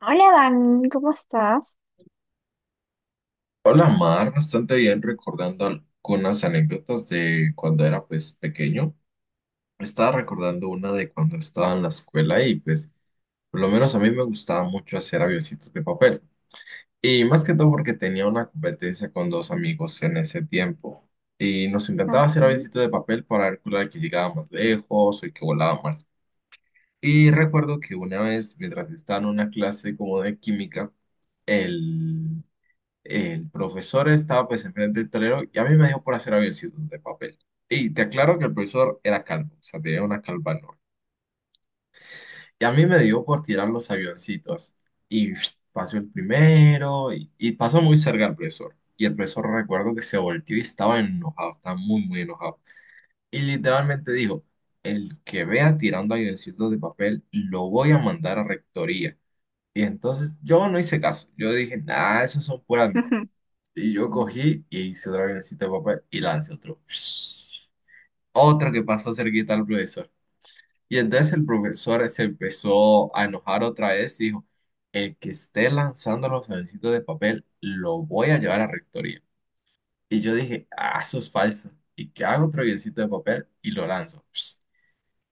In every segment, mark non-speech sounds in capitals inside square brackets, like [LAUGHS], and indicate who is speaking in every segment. Speaker 1: Hola Dan, ¿cómo estás?
Speaker 2: Hola Mar, bastante bien recordando algunas anécdotas de cuando era pues pequeño. Estaba recordando una de cuando estaba en la escuela y pues por lo menos a mí me gustaba mucho hacer avioncitos de papel. Y más que todo porque tenía una competencia con dos amigos en ese tiempo. Y nos
Speaker 1: Ujú.
Speaker 2: encantaba hacer
Speaker 1: Ujú.
Speaker 2: avioncitos de papel para ver cuál era el que llegaba más lejos o el que volaba más. Y recuerdo que una vez mientras estaba en una clase como de química, el el profesor estaba pues enfrente del tablero y a mí me dio por hacer avioncitos de papel. Y te aclaro que el profesor era calvo, o sea, tenía una calva enorme. Y a mí me dio por tirar los avioncitos. Y pasó el primero y pasó muy cerca el profesor. Y el profesor recuerdo que se volteó y estaba enojado, estaba muy, muy enojado. Y literalmente dijo, el que vea tirando avioncitos de papel, lo voy a mandar a rectoría. Y entonces yo no hice caso. Yo dije, nada, eso son puras mentiras.
Speaker 1: [LAUGHS]
Speaker 2: Y yo cogí y hice otra avioncito de papel y lancé otro. Otro que pasó cerquita al profesor. Y entonces el profesor se empezó a enojar otra vez y dijo, el que esté lanzando los avioncitos de papel, lo voy a llevar a rectoría. Y yo dije, ah, eso es falso. Y que hago otro avioncito de papel y lo lanzo.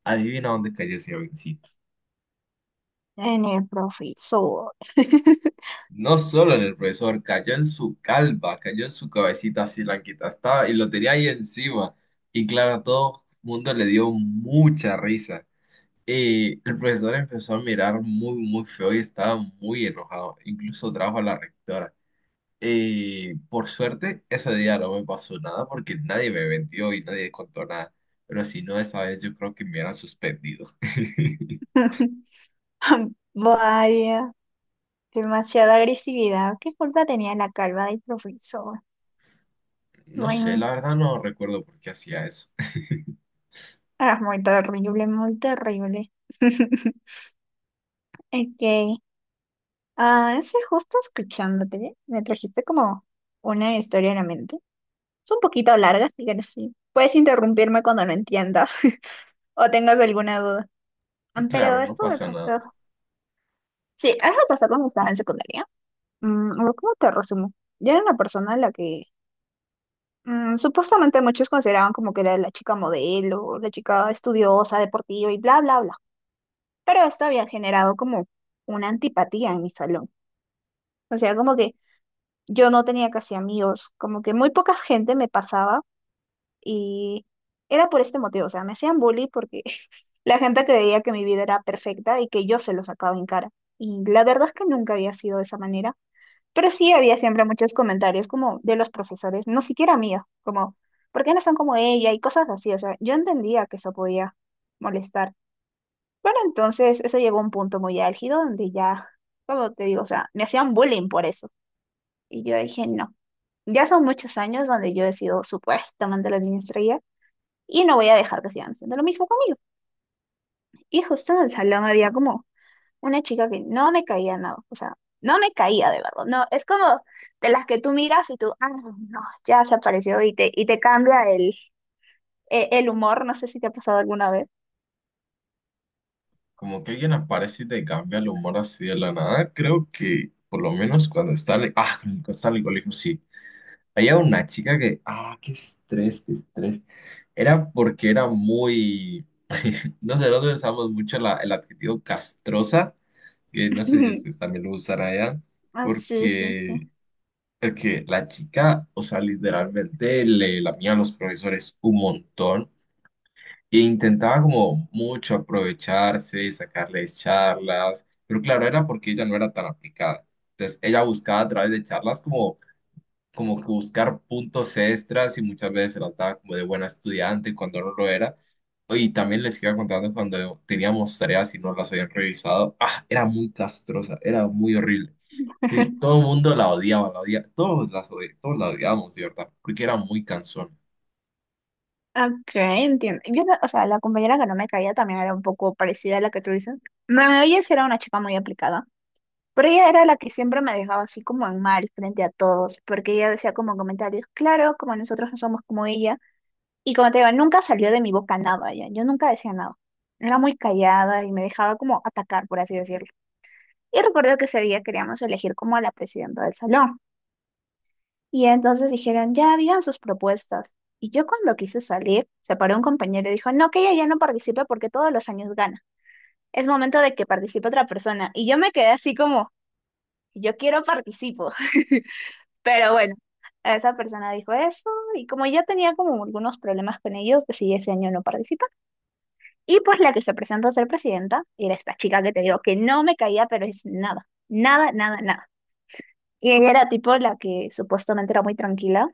Speaker 2: Adivina dónde cayó ese avioncito.
Speaker 1: En el profesor.
Speaker 2: No solo en el profesor, cayó en su calva, cayó en su cabecita así blanquita, estaba y lo tenía ahí encima. Y claro, a todo el mundo le dio mucha risa. Y el profesor empezó a mirar muy, muy feo y estaba muy enojado. Incluso trajo a la rectora. Y por suerte, ese día no me pasó nada porque nadie me vendió y nadie contó nada. Pero si no, esa vez yo creo que me hubieran suspendido. [LAUGHS]
Speaker 1: [LAUGHS] Vaya, demasiada agresividad. ¿Qué culpa tenía la calva del profesor?
Speaker 2: No sé,
Speaker 1: Bueno,
Speaker 2: la verdad no recuerdo por qué hacía eso.
Speaker 1: es muy terrible, muy terrible. [LAUGHS] Ok, es que justo escuchándote, me trajiste como una historia en la mente. Es un poquito larga, así que sí. Puedes interrumpirme cuando no entiendas [LAUGHS] o tengas alguna duda. Ah, pero
Speaker 2: Claro, no
Speaker 1: esto me
Speaker 2: pasa nada.
Speaker 1: pasó. Sí, eso pasó cuando estaba en secundaria. Mm, a ver, ¿cómo te resumo? Yo era una persona a la que supuestamente muchos consideraban como que era la chica modelo, la chica estudiosa, deportiva y bla, bla, bla. Pero esto había generado como una antipatía en mi salón. O sea, como que yo no tenía casi amigos, como que muy poca gente me pasaba y era por este motivo. O sea, me hacían bully porque [LAUGHS] la gente creía que mi vida era perfecta y que yo se lo sacaba en cara. Y la verdad es que nunca había sido de esa manera. Pero sí había siempre muchos comentarios como de los profesores, no siquiera míos, como, ¿por qué no son como ella? Y cosas así, o sea, yo entendía que eso podía molestar. Pero entonces eso llegó a un punto muy álgido donde ya, como te digo, o sea, me hacían bullying por eso. Y yo dije, no, ya son muchos años donde yo he sido supuestamente la niña estrella y no voy a dejar que sigan haciendo lo mismo conmigo. Y justo en el salón había como una chica que no me caía nada, o sea, no me caía de verdad, no, es como de las que tú miras y tú, ah, no, ya se apareció y te cambia el, el humor, no sé si te ha pasado alguna vez.
Speaker 2: Como que alguien aparece y te cambia el humor así de la nada. Creo que, por lo menos cuando está en el- Ah, cuando está en el colegio, sí. Había una chica que... Ah, qué estrés, qué estrés. Era porque era muy... [LAUGHS] Nosotros usamos mucho la- el adjetivo castrosa, que no sé si ustedes
Speaker 1: [LAUGHS]
Speaker 2: también lo usarán allá,
Speaker 1: Ah, sí, sí, sí.
Speaker 2: porque, porque la chica, o sea, literalmente le lamía a los profesores un montón. E intentaba como mucho aprovecharse, sacarles charlas, pero claro, era porque ella no era tan aplicada. Entonces, ella buscaba a través de charlas como, como que buscar puntos extras y muchas veces se la daba como de buena estudiante cuando no lo era. Y también les iba contando cuando teníamos tareas y no las habían revisado. Ah, era muy castrosa, era muy horrible. Sí,
Speaker 1: [LAUGHS]
Speaker 2: todo el mundo la odiaba, todos las odi- todos la odiábamos, de verdad, porque era muy cansona.
Speaker 1: Ok, entiendo. Yo, no- o sea, la compañera que no me caía también era un poco parecida a la que tú dices. Ma- Ella sí era una chica muy aplicada, pero ella era la que siempre me dejaba así como en mal frente a todos, porque ella decía como comentarios, claro, como nosotros no somos como ella. Y como te digo, nunca salió de mi boca nada, ya. Yo nunca decía nada. Era muy callada y me dejaba como atacar, por así decirlo. Y recuerdo que ese día queríamos elegir como a la presidenta del salón. Y entonces dijeron, ya digan sus propuestas. Y yo cuando quise salir, se paró un compañero y dijo, no, que ella ya no participe porque todos los años gana. Es momento de que participe otra persona. Y yo me quedé así como, si yo quiero participo. [LAUGHS] Pero bueno, esa persona dijo eso y como ya tenía como algunos problemas con ellos, decidí ese año no participar. Y pues la que se presentó a ser presidenta era esta chica que te digo que no me caía, pero es nada, nada, nada, nada. Y ella era tipo la que supuestamente era muy tranquila,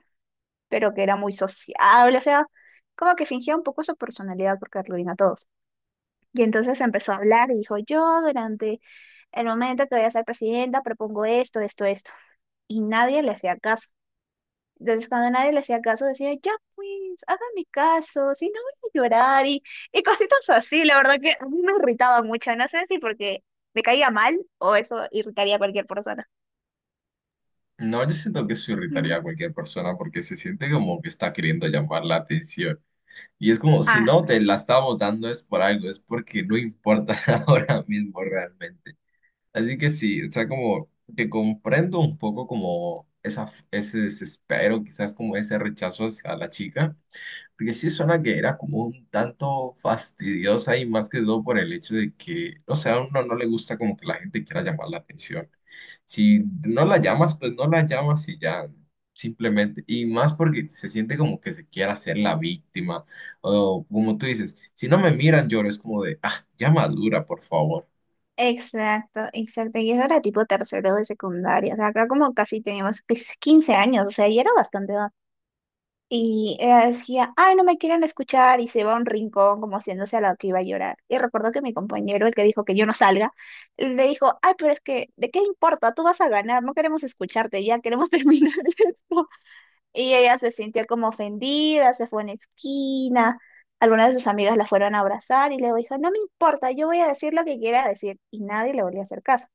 Speaker 1: pero que era muy sociable, o sea, como que fingía un poco su personalidad porque arruina a todos. Y entonces empezó a hablar y dijo, yo durante el momento que voy a ser presidenta propongo esto, esto, esto. Y nadie le hacía caso. Entonces, cuando nadie le hacía caso, decía, ya pues, hágame caso, si no voy a llorar y cositas así. La verdad que a mí me irritaba mucho, no sé si porque me caía mal o eso irritaría a cualquier persona.
Speaker 2: No, yo siento que eso irritaría
Speaker 1: Mm.
Speaker 2: a cualquier persona porque se siente como que está queriendo llamar la atención. Y es como, si
Speaker 1: Ah,
Speaker 2: no te la estamos dando es por algo, es porque no importa [LAUGHS] ahora mismo realmente. Así que sí, o sea, como que comprendo un poco como esa, ese desespero, quizás como ese rechazo hacia la chica. Porque sí suena que era como un tanto fastidiosa y más que todo por el hecho de que, no sea, a uno no le gusta como que la gente quiera llamar la atención. Si no
Speaker 1: sí.
Speaker 2: la llamas, pues no la llamas y ya, simplemente. Y más porque se siente como que se quiera hacer la víctima. O como tú dices, si no me miran, lloro, es como de, ah, ya madura, por favor.
Speaker 1: Exacto, exacto. Y eso era tipo tercero de secundaria. O sea, acá como casi teníamos pues, 15 años, o sea, y era bastante edad. Y ella decía, ay, no me quieren escuchar, y se va a un rincón como haciéndose a la que iba a llorar. Y recuerdo que mi compañero, el que dijo que yo no salga, le dijo, ay, pero es que, ¿de qué importa? Tú vas a ganar, no queremos escucharte, ya queremos [LAUGHS] terminar esto. Y ella se sintió como ofendida, se fue a una esquina. Algunas de sus amigas la fueron a abrazar y le dijo, no me importa, yo voy a decir lo que quiera decir. Y nadie le volvió a hacer caso.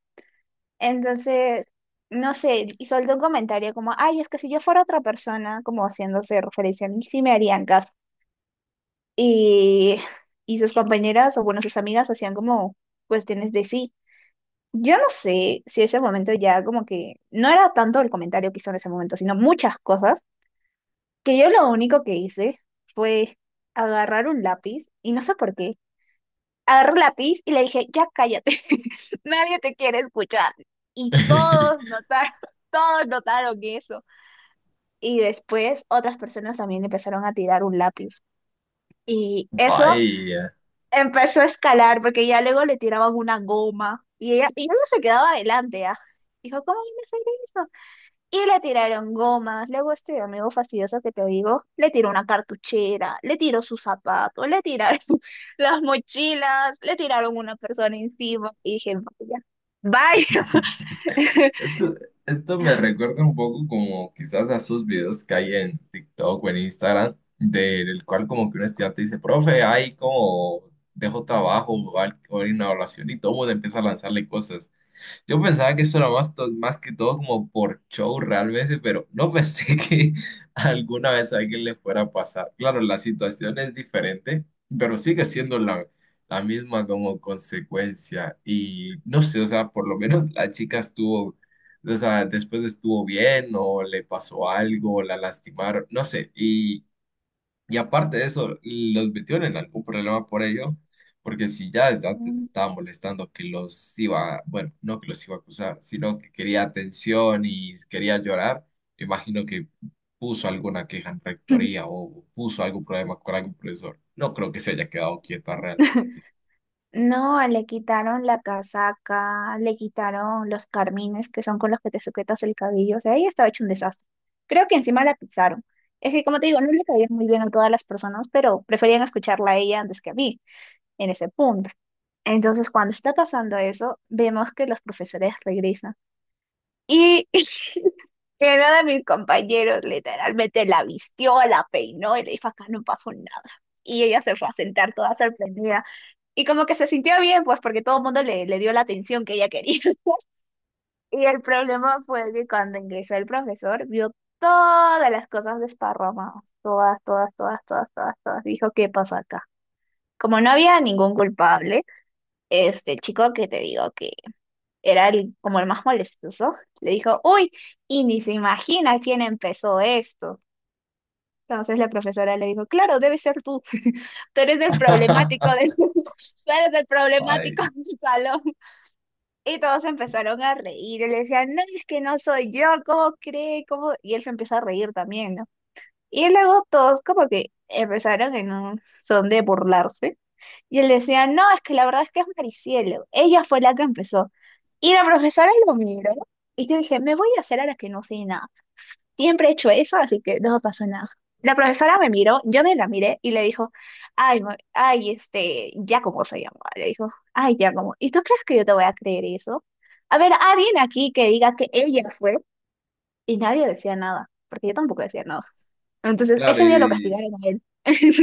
Speaker 1: Entonces, no sé, y soltó un comentario como, ay, es que si yo fuera otra persona, como haciéndose referencia a mí, sí me harían caso. Y, [LAUGHS] y sus compañeras o bueno, sus amigas hacían como cuestiones de sí. Yo no sé si ese momento ya como que no era tanto el comentario que hizo en ese momento, sino muchas cosas, que yo lo único que hice fue agarrar un lápiz y no sé por qué. Agarró un lápiz y le dije, ya cállate, [LAUGHS] nadie te quiere escuchar. Y todos
Speaker 2: [LAUGHS]
Speaker 1: notaron, [LAUGHS] todos notaron eso. Y después otras personas también empezaron a tirar un lápiz. Y eso
Speaker 2: Vaya.
Speaker 1: empezó a escalar porque ya luego le tiraban una goma y ella se quedaba adelante, ¿ah? Dijo, ¿cómo viene a hacer eso? Y le tiraron gomas, luego este amigo fastidioso que te digo, le tiró una cartuchera, le tiró sus zapatos, le tiraron [LAUGHS] las mochilas, le tiraron una persona encima y dije, vaya, vaya.
Speaker 2: [LAUGHS]
Speaker 1: [LAUGHS]
Speaker 2: Esto, esto me recuerda un poco como quizás a esos videos que hay en TikTok o en Instagram, del cual como que un estudiante dice, profe, ay, como dejo trabajo o al- o hay una evaluación y todo el mundo empieza a lanzarle cosas. Yo pensaba que eso era más, to- más que todo como por show realmente, pero no pensé [LAUGHS] que alguna vez a alguien le fuera a pasar. Claro, la situación es diferente, pero sigue siendo la misma como consecuencia. Y no sé, o sea, por lo menos la chica estuvo, o sea, después estuvo bien o le pasó algo, la lastimaron, no sé. Y aparte de eso, los metieron en algún problema por ello, porque si ya desde antes estaba molestando que los iba, bueno, no que los iba a acusar, sino que quería atención y quería llorar, imagino que puso alguna queja en rectoría o puso algún problema con algún profesor. No creo que se haya quedado quieta realmente.
Speaker 1: No, le quitaron la casaca, le quitaron los carmines que son con los que te sujetas el cabello, o sea, ella estaba hecho un desastre. Creo que encima la pisaron. Es que, como te digo, no le caían muy bien a todas las personas, pero preferían escucharla a ella antes que a mí en ese punto. Entonces, cuando está pasando eso, vemos que los profesores regresan. Y [LAUGHS] que uno de mis compañeros literalmente la vistió, la peinó y le dijo, acá no pasó nada. Y ella se fue a sentar toda sorprendida. Y como que se sintió bien, pues porque todo el mundo le dio la atención que ella quería. [LAUGHS] Y el problema fue que cuando ingresó el profesor, vio todas las cosas desparramadas. Todas, todas, todas, todas, todas, todas. Dijo, ¿qué pasó acá? Como no había ningún culpable, este el chico que te digo era el, como el más molestoso, le dijo, uy, y ni se imagina quién empezó esto. Entonces la profesora le dijo, claro, debe ser tú, [LAUGHS] tú eres el problemático
Speaker 2: [LAUGHS]
Speaker 1: del, [LAUGHS] tú eres el
Speaker 2: Ay,
Speaker 1: problemático del salón. Y todos empezaron a reír, y le decían, no, es que no soy yo, ¿cómo cree? ¿Cómo? Y él se empezó a reír también, ¿no? Y luego todos como que empezaron en un son de burlarse y él decía, no, es que la verdad es que es Maricielo. Ella fue la que empezó. Y la profesora lo miró. Y yo dije, me voy a hacer a la que no sé nada. Siempre he hecho eso, así que no pasó nada. La profesora me miró, yo me la miré y le dijo, ay, ma- ay, este, ya como se llamaba. Le dijo, ay, ya como. ¿Y tú crees que yo te voy a creer eso? A ver, alguien aquí que diga que ella fue. Y nadie decía nada, porque yo tampoco decía nada. Entonces,
Speaker 2: claro,
Speaker 1: ese día lo
Speaker 2: y,
Speaker 1: castigaron a él.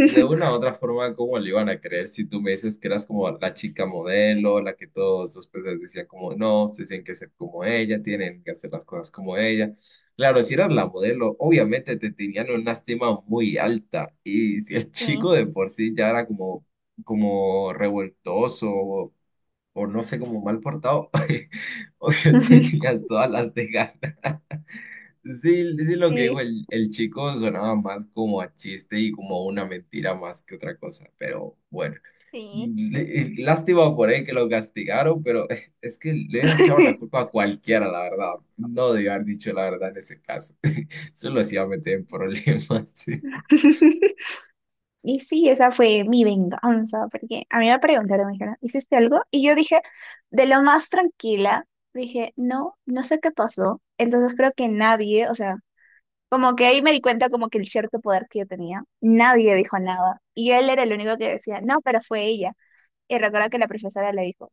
Speaker 2: y de una u otra forma, ¿cómo le iban a creer si tú me dices que eras como la chica modelo, la que todos los personas decían como, no, ustedes tienen que ser como ella, tienen que hacer las cosas como ella? Claro, si eras la modelo, obviamente te tenían una estima muy alta. Y si el chico
Speaker 1: Sí.
Speaker 2: de por sí ya era como, como revoltoso o no sé, como mal portado, [LAUGHS] obvio
Speaker 1: [LAUGHS]
Speaker 2: tenías todas las de ganas. Sí, sí, lo que dijo
Speaker 1: Sí.
Speaker 2: el chico sonaba más como a chiste y como a una mentira más que otra cosa, pero bueno,
Speaker 1: Sí.
Speaker 2: L- lástima por él que lo castigaron, pero [LAUGHS] es que le hubiera echado la culpa a cualquiera, la verdad, no debió haber dicho la verdad en ese caso, [LAUGHS] eso lo hacía meter en problemas. [LAUGHS]
Speaker 1: [LAUGHS] Y sí, esa fue mi venganza, porque a mí me preguntaron, me dijeron, ¿hiciste algo? Y yo dije, de lo más tranquila, dije, no, no sé qué pasó. Entonces creo que nadie, o sea, como que ahí me di cuenta como que el cierto poder que yo tenía, nadie dijo nada. Y él era el único que decía, no, pero fue ella. Y recuerdo que la profesora le dijo,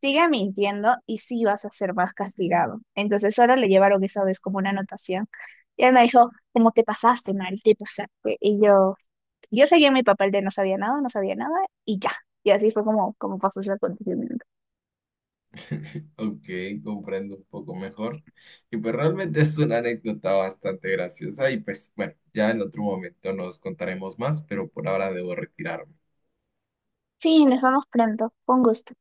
Speaker 1: sigue mintiendo y sí vas a ser más castigado. Entonces solo le llevaron esa vez como una anotación. Y él me dijo, ¿cómo te pasaste, Mari? Te pasaste. Y yo... Yo seguía en mi papel de no sabía nada, no sabía nada y ya. Y así fue como, como pasó ese acontecimiento.
Speaker 2: Ok, comprendo un poco mejor. Y pues realmente es una anécdota bastante graciosa y pues bueno, ya en otro momento nos contaremos más, pero por ahora debo retirarme.
Speaker 1: Sí, nos vemos pronto. Con gusto.